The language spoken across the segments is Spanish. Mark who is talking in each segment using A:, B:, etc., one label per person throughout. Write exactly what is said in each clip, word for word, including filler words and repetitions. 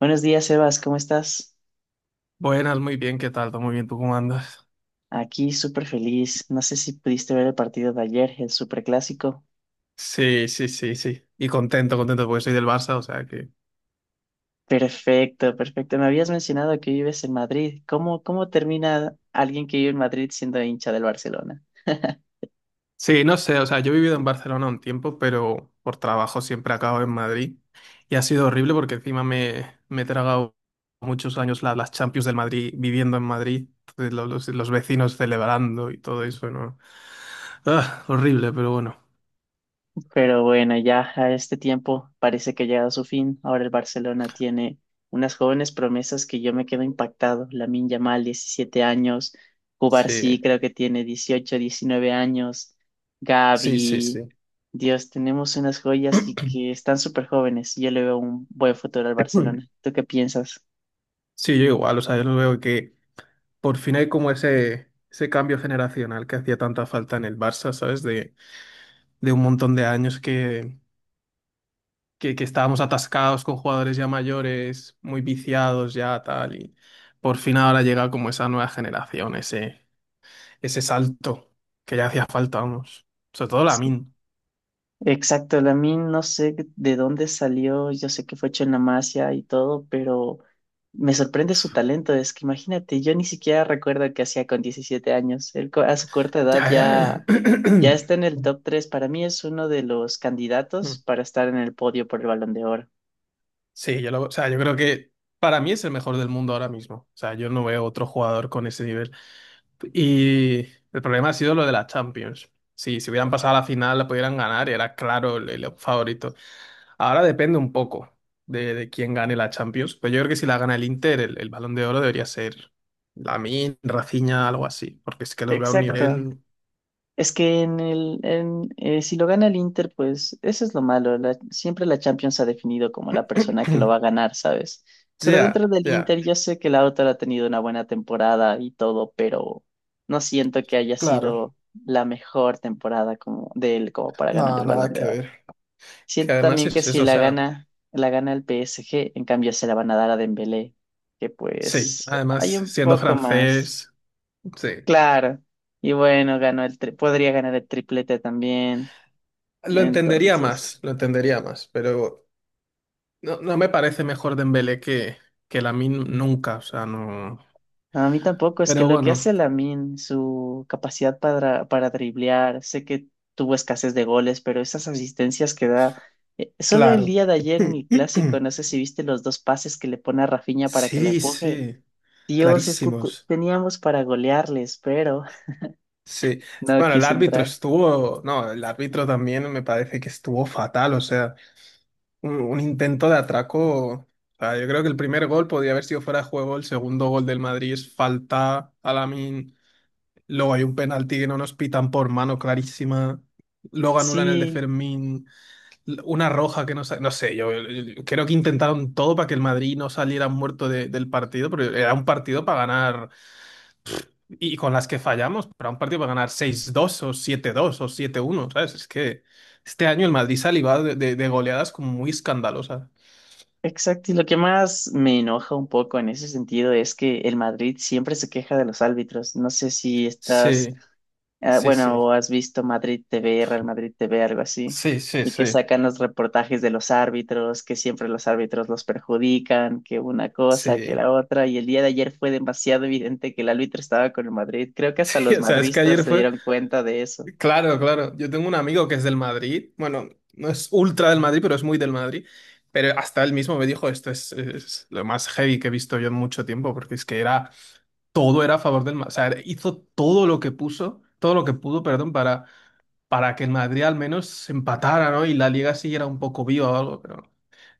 A: Buenos días, Sebas, ¿cómo estás?
B: Buenas, muy bien, ¿qué tal? ¿Todo muy bien? ¿Tú cómo andas?
A: Aquí súper feliz. No sé si pudiste ver el partido de ayer, el superclásico.
B: Sí, sí, sí, sí. Y contento, contento porque soy del Barça, o sea que.
A: Perfecto, perfecto. Me habías mencionado que vives en Madrid. ¿Cómo, cómo termina alguien que vive en Madrid siendo hincha del Barcelona?
B: Sí, no sé, o sea, yo he vivido en Barcelona un tiempo, pero por trabajo siempre acabo en Madrid. Y ha sido horrible porque encima me, me he tragado muchos años la- las Champions del Madrid viviendo en Madrid. Entonces, lo- los, los vecinos celebrando y todo eso, ¿no? Ah, horrible, pero bueno.
A: Pero bueno, ya a este tiempo parece que ha llegado a su fin. Ahora el Barcelona tiene unas jóvenes promesas que yo me quedo impactado. Lamine Yamal, diecisiete años.
B: Sí,
A: Cubarsí creo que tiene dieciocho diecinueve años.
B: sí, sí,
A: Gavi,
B: sí.
A: Dios, tenemos unas joyas y que están súper jóvenes. Yo le veo un buen futuro al Barcelona. ¿Tú qué piensas?
B: Sí, yo igual, o sea, yo lo veo que por fin hay como ese, ese cambio generacional que hacía tanta falta en el Barça, ¿sabes? De, de un montón de años que, que, que estábamos atascados con jugadores ya mayores, muy viciados ya, tal. Y por fin ahora llega como esa nueva generación, ese, ese salto que ya hacía falta, vamos. Sobre todo Lamin.
A: Exacto, Lamine, no sé de dónde salió, yo sé que fue hecho en la Masia y todo, pero me sorprende su talento. Es que imagínate, yo ni siquiera recuerdo qué hacía con diecisiete años. Él co- a su corta edad
B: Ya, ya, ya.
A: ya, ya está en el top tres. Para mí es uno de los candidatos
B: Mm.
A: para estar en el podio por el Balón de Oro.
B: Sí, yo lo- o sea, yo creo que para mí es el mejor del mundo ahora mismo. O sea, yo no veo otro jugador con ese nivel. Y el problema ha sido lo de la Champions. Sí, si hubieran pasado a la final, la pudieran ganar, era claro el, el favorito. Ahora depende un poco de, de quién gane la Champions. Pero yo creo que si la gana el Inter, el, el Balón de Oro debería ser Lamine, Rafinha, algo así. Porque es que los veo a un
A: Exacto.
B: nivel.
A: Es que en el, en, eh, si lo gana el Inter, pues eso es lo malo. La- siempre la Champions ha definido como la persona que lo va a ganar, ¿sabes? Pero dentro
B: Ya,
A: del
B: ya,
A: Inter yo sé que Lautaro ha tenido una buena temporada y todo, pero no siento que haya
B: claro.
A: sido la mejor temporada como, de él como para ganar
B: No,
A: el Balón
B: nada
A: de
B: que
A: Oro.
B: ver. Que
A: Siento
B: además
A: también que
B: es
A: si
B: eso, o
A: la
B: sea,
A: gana, la gana el P S G, en cambio se la van a dar a Dembélé, que
B: sí,
A: pues hay
B: además
A: un
B: siendo
A: poco más.
B: francés, sí.
A: Claro. Y bueno, ganó el tri- podría ganar el triplete también.
B: Lo entendería más,
A: Entonces,
B: lo entendería más, pero no, no me parece mejor Dembélé que, que Lamine nunca, o sea, no.
A: a mí tampoco, es que
B: Pero
A: lo que
B: bueno,
A: hace Lamin, su capacidad para, para driblear, sé que tuvo escasez de goles, pero esas asistencias que da, eh, solo el
B: claro.
A: día de ayer en el clásico, no sé si viste los dos pases que le pone a Rafinha para que la
B: Sí,
A: empuje.
B: sí,
A: Dios, es que te-
B: clarísimos.
A: teníamos para golearles, pero
B: Sí.
A: no
B: Bueno, el
A: quiso
B: árbitro
A: entrar.
B: estuvo, no, el árbitro también me parece que estuvo fatal, o sea, un, un intento de atraco. O sea, yo creo que el primer gol podía haber sido fuera de juego, el segundo gol del Madrid es falta a Lamine, luego hay un penalti que no nos pitan por mano clarísima, luego anulan el de
A: Sí,
B: Fermín. Una roja que no sa- No sé, yo, yo creo que intentaron todo para que el Madrid no saliera muerto de- del partido, pero era un partido para ganar, y con las que fallamos, pero era un partido para ganar seis dos o siete dos o siete uno, ¿sabes? Es que este año el Madrid se ha librado de, de- de goleadas como muy escandalosas.
A: exacto, y lo que más me enoja un poco en ese sentido es que el Madrid siempre se queja de los árbitros. No sé si estás,
B: Sí,
A: ah,
B: sí, sí,
A: bueno, o has visto Madrid T V, Real Madrid T V, algo así,
B: sí, sí,
A: y que
B: sí,
A: sacan los reportajes de los árbitros, que siempre los árbitros los perjudican, que una cosa, que
B: sí.
A: la otra, y el día de ayer fue demasiado evidente que el árbitro estaba con el Madrid. Creo que hasta
B: Sí,
A: los
B: o sea, es que
A: madristas
B: ayer
A: se
B: fue,
A: dieron cuenta de eso.
B: claro, claro. Yo tengo un amigo que es del Madrid. Bueno, no es ultra del Madrid, pero es muy del Madrid. Pero hasta él mismo me dijo, esto es, es lo más heavy que he visto yo en mucho tiempo, porque es que era, todo era a favor del Madrid. O sea, hizo todo lo que puso, todo lo que pudo, perdón, para, para que el Madrid al menos se empatara, ¿no? Y la liga siguiera un poco viva o algo, pero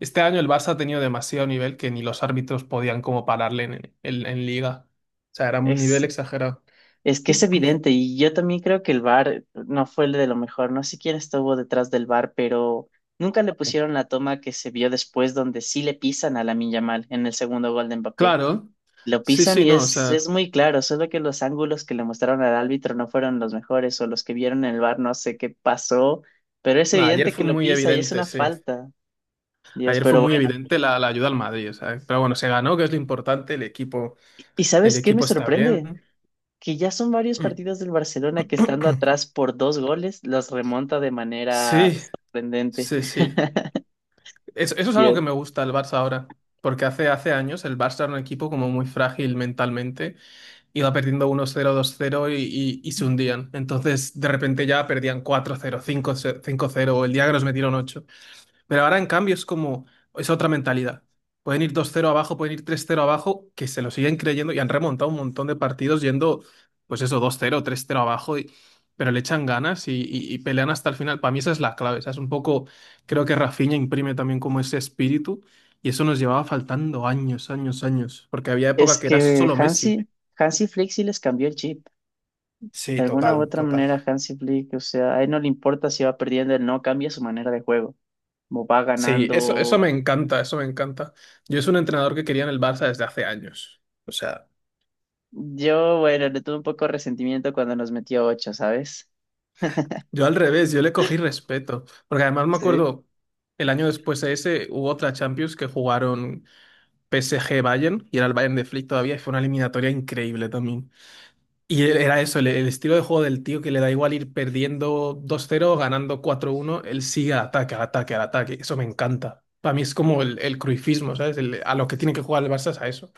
B: este año el Barça ha tenido demasiado nivel que ni los árbitros podían como pararle en, en en liga. O sea, era un nivel
A: Es
B: exagerado.
A: Es que es evidente y yo también creo que el V A R no fue el de lo mejor. No sé quién estuvo detrás del V A R, pero nunca le pusieron la toma que se vio después donde sí le pisan a Lamine Yamal en el segundo gol de Mbappé.
B: Claro.
A: Lo
B: Sí,
A: pisan
B: sí,
A: y
B: no, o
A: es,
B: sea.
A: es muy claro, solo que los ángulos que le mostraron al árbitro no fueron los mejores o los que vieron en el V A R no sé qué pasó, pero es
B: No, ayer
A: evidente que
B: fue
A: lo
B: muy
A: pisa y es
B: evidente,
A: una
B: sí.
A: falta. Dios,
B: Ayer fue
A: pero bueno.
B: muy evidente la, la ayuda al Madrid, ¿sabes? Pero bueno, se ganó, que es lo importante, el equipo,
A: ¿Y
B: el
A: sabes qué me
B: equipo está bien.
A: sorprende? Que ya son varios
B: Mm.
A: partidos del Barcelona que estando atrás por dos goles, los remonta de manera
B: Sí,
A: sorprendente.
B: sí, sí. Eso, eso es algo que
A: Bien.
B: me gusta del Barça ahora, porque hace, hace años el Barça era un equipo como muy frágil mentalmente, iba perdiendo uno cero, dos cero y, y, y se hundían. Entonces, de repente ya perdían cuatro cero, cinco cero, cinco cero. O el día que nos metieron ocho. Pero ahora, en cambio, es como, es otra mentalidad. Pueden ir dos cero abajo, pueden ir tres cero abajo, que se lo siguen creyendo y han remontado un montón de partidos yendo, pues eso, dos cero tres cero abajo, y- pero le echan ganas y, y- y pelean hasta el final. Para mí esa es la clave. O sea, es un poco, creo que Rafinha imprime también como ese espíritu y eso nos llevaba faltando años, años, años, porque había época
A: Es
B: que era
A: que
B: solo Messi.
A: Hansi, Hansi Flick sí les cambió el chip. De
B: Sí,
A: alguna u
B: total,
A: otra
B: total.
A: manera, Hansi Flick, o sea, a él no le importa si va perdiendo, él no cambia su manera de juego. Como va
B: Sí, eso, eso
A: ganando.
B: me encanta, eso me encanta. Yo es un entrenador que quería en el Barça desde hace años. O sea.
A: Yo, bueno, le tuve un poco de resentimiento cuando nos metió ocho, ¿sabes?
B: Yo al revés, yo le cogí respeto, porque además me
A: Sí.
B: acuerdo el año después de ese hubo otra Champions que jugaron P S G Bayern y era el Bayern de Flick todavía y fue una eliminatoria increíble también. Y e- era eso, el, el estilo de juego del tío que le da igual ir perdiendo dos cero o ganando cuatro uno, él sigue al ataque, al ataque, al ataque. Eso me encanta. Para mí es como el, el cruifismo, ¿sabes? El- a lo que tiene que jugar el Barça es a eso.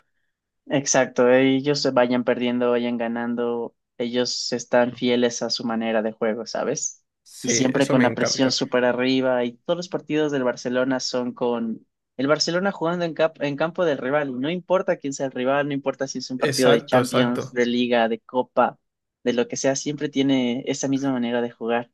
A: Exacto, ellos se vayan perdiendo, vayan ganando, ellos están fieles a su manera de juego, ¿sabes? Y
B: Sí,
A: siempre
B: eso
A: con
B: me
A: la presión
B: encanta.
A: súper arriba y todos los partidos del Barcelona son con el Barcelona jugando en, cap- en campo del rival y no importa quién sea el rival, no importa si es un partido de
B: Exacto,
A: Champions,
B: exacto.
A: de Liga, de Copa, de lo que sea, siempre tiene esa misma manera de jugar.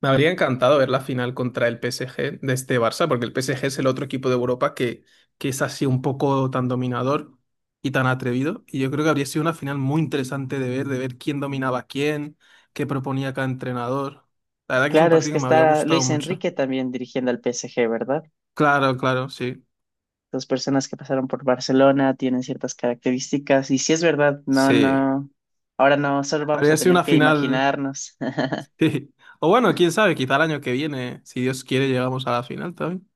B: Me habría encantado ver la final contra el P S G de este Barça, porque el P S G es el otro equipo de Europa que, que es así un poco tan dominador y tan atrevido. Y yo creo que habría sido una final muy interesante de ver, de ver quién dominaba a quién, qué proponía cada entrenador. La verdad que es un
A: Claro, es
B: partido
A: que
B: que me habría
A: está
B: gustado
A: Luis
B: mucho.
A: Enrique también dirigiendo al P S G, ¿verdad?
B: Claro, claro, sí.
A: Las personas que pasaron por Barcelona tienen ciertas características. Y si es verdad, no,
B: Sí.
A: no. Ahora no, solo vamos a
B: Habría sido
A: tener
B: una
A: que
B: final.
A: imaginarnos.
B: Sí. O bueno, quién sabe, quizá el año que viene, si Dios quiere, llegamos a la final también.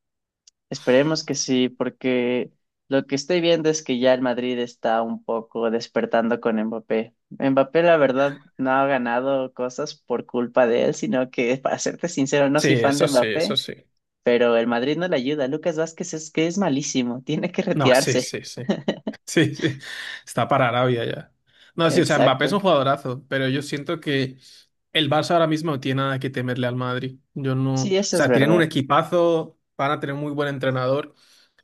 A: Esperemos que sí, porque lo que estoy viendo es que ya el Madrid está un poco despertando con Mbappé. Mbappé, la verdad, no ha ganado cosas por culpa de él, sino que, para serte sincero, no
B: Sí,
A: soy fan de
B: eso sí,
A: Mbappé,
B: eso sí.
A: pero el Madrid no le ayuda. Lucas Vázquez es que es malísimo, tiene que
B: No, sí,
A: retirarse.
B: sí, sí. Sí, sí, está para Arabia ya. No, sí, o sea, Mbappé es
A: Exacto.
B: un jugadorazo, pero yo siento que el Barça ahora mismo no tiene nada que temerle al Madrid. Yo no, o
A: Sí, eso es
B: sea, tienen un
A: verdad.
B: equipazo, van a tener un muy buen entrenador,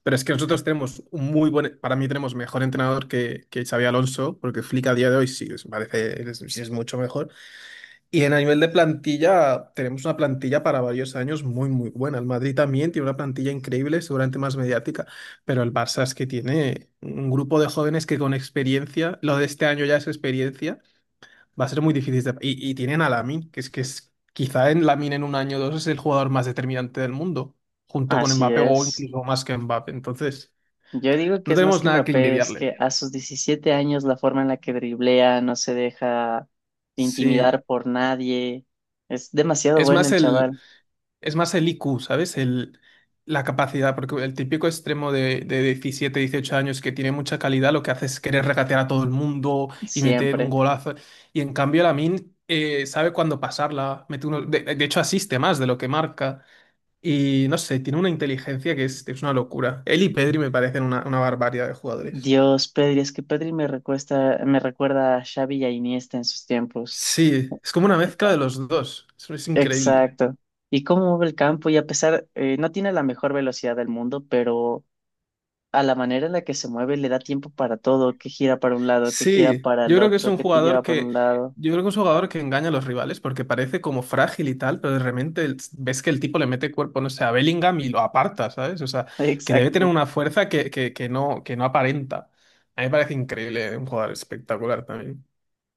B: pero es que nosotros tenemos un muy buen, para mí tenemos mejor entrenador que, que Xavi Alonso, porque Flick a día de hoy sí, es- parece, es, sí es mucho mejor. Y en a nivel de plantilla, tenemos una plantilla para varios años muy, muy buena. El Madrid también tiene una plantilla increíble, seguramente más mediática, pero el Barça es que tiene un grupo de jóvenes que con experiencia, lo de este año ya es experiencia, va a ser muy difícil de. Y, y tienen a Lamine, que es que es, quizá en Lamine en un año o dos es el jugador más determinante del mundo, junto con
A: Así
B: Mbappé o
A: es.
B: incluso más que Mbappé. Entonces,
A: Yo digo que
B: no
A: es más
B: tenemos
A: que
B: nada que
A: Mbappé, es que
B: envidiarle.
A: a sus diecisiete años la forma en la que driblea, no se deja
B: Sí,
A: intimidar por nadie. Es demasiado
B: es
A: bueno
B: más
A: el
B: el...
A: chaval,
B: Es más el I Q, ¿sabes? El, la capacidad, porque el típico extremo de, de diecisiete dieciocho años que tiene mucha calidad, lo que hace es querer regatear a todo el mundo y meter un
A: siempre.
B: golazo. Y en cambio, Lamin sabe cuándo pasarla. Mete uno, de, de hecho, asiste más de lo que marca. Y no sé, tiene una inteligencia que es, es una locura. Él y Pedri me parecen una, una barbaridad de jugadores.
A: Dios, Pedri, es que Pedri me recuesta, me recuerda a Xavi y a Iniesta en sus tiempos.
B: Sí, es como una mezcla de los dos. Eso es increíble.
A: Exacto. Y cómo mueve el campo, y a pesar, eh, no tiene la mejor velocidad del mundo, pero a la manera en la que se mueve le da tiempo para todo, que gira para un lado, que gira
B: Sí,
A: para
B: yo
A: el
B: creo que es
A: otro,
B: un
A: que te
B: jugador
A: lleva para
B: que,
A: un lado.
B: yo creo que es un jugador que engaña a los rivales porque parece como frágil y tal, pero de repente el- ves que el tipo le mete cuerpo, no sé, a Bellingham y lo aparta, ¿sabes? O sea, que debe tener
A: Exacto.
B: una fuerza que, que, que no, que no aparenta. A mí me parece increíble, un jugador espectacular también.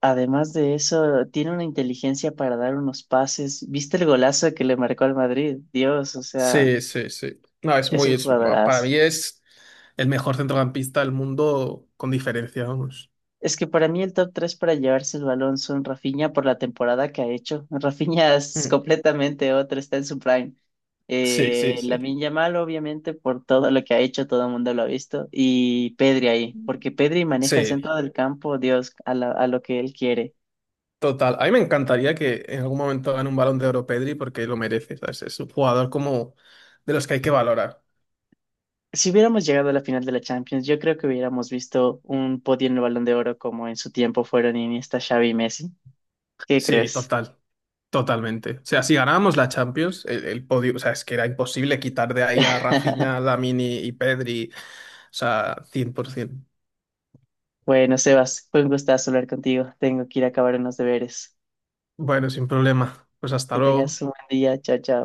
A: Además de eso, tiene una inteligencia para dar unos pases. ¿Viste el golazo que le marcó al Madrid? Dios, o sea,
B: Sí, sí, sí. No, es
A: es
B: muy,
A: un
B: es- para
A: jugadorazo.
B: mí es el mejor centrocampista del mundo con diferencia, vamos.
A: Es que para mí el top tres para llevarse el balón son Rafinha por la temporada que ha hecho. Rafinha es
B: Mm.
A: completamente otro, está en su prime.
B: Sí,
A: Eh,
B: sí, sí.
A: Lamine Yamal, obviamente, por todo lo que ha hecho, todo el mundo lo ha visto. Y Pedri ahí, porque Pedri maneja el
B: Sí.
A: centro del campo, Dios, a la- a lo que él quiere.
B: Total, a mí me encantaría que en algún momento gane un balón de oro Pedri porque lo merece, ¿sabes? Es un jugador como de los que hay que valorar.
A: Si hubiéramos llegado a la final de la Champions, yo creo que hubiéramos visto un podio en el Balón de Oro como en su tiempo fueron Iniesta, Xavi y Messi. ¿Qué
B: Sí,
A: crees?
B: total, totalmente. O sea, si ganábamos la Champions, el, el podio, o sea, es que era imposible quitar de ahí a Rafinha, Lamini y Pedri, o sea, cien por ciento.
A: Bueno, Sebas, fue un gustazo hablar contigo. Tengo que ir a acabar unos deberes.
B: Bueno, sin problema. Pues hasta
A: Que
B: luego.
A: tengas un buen día. Chao, chao.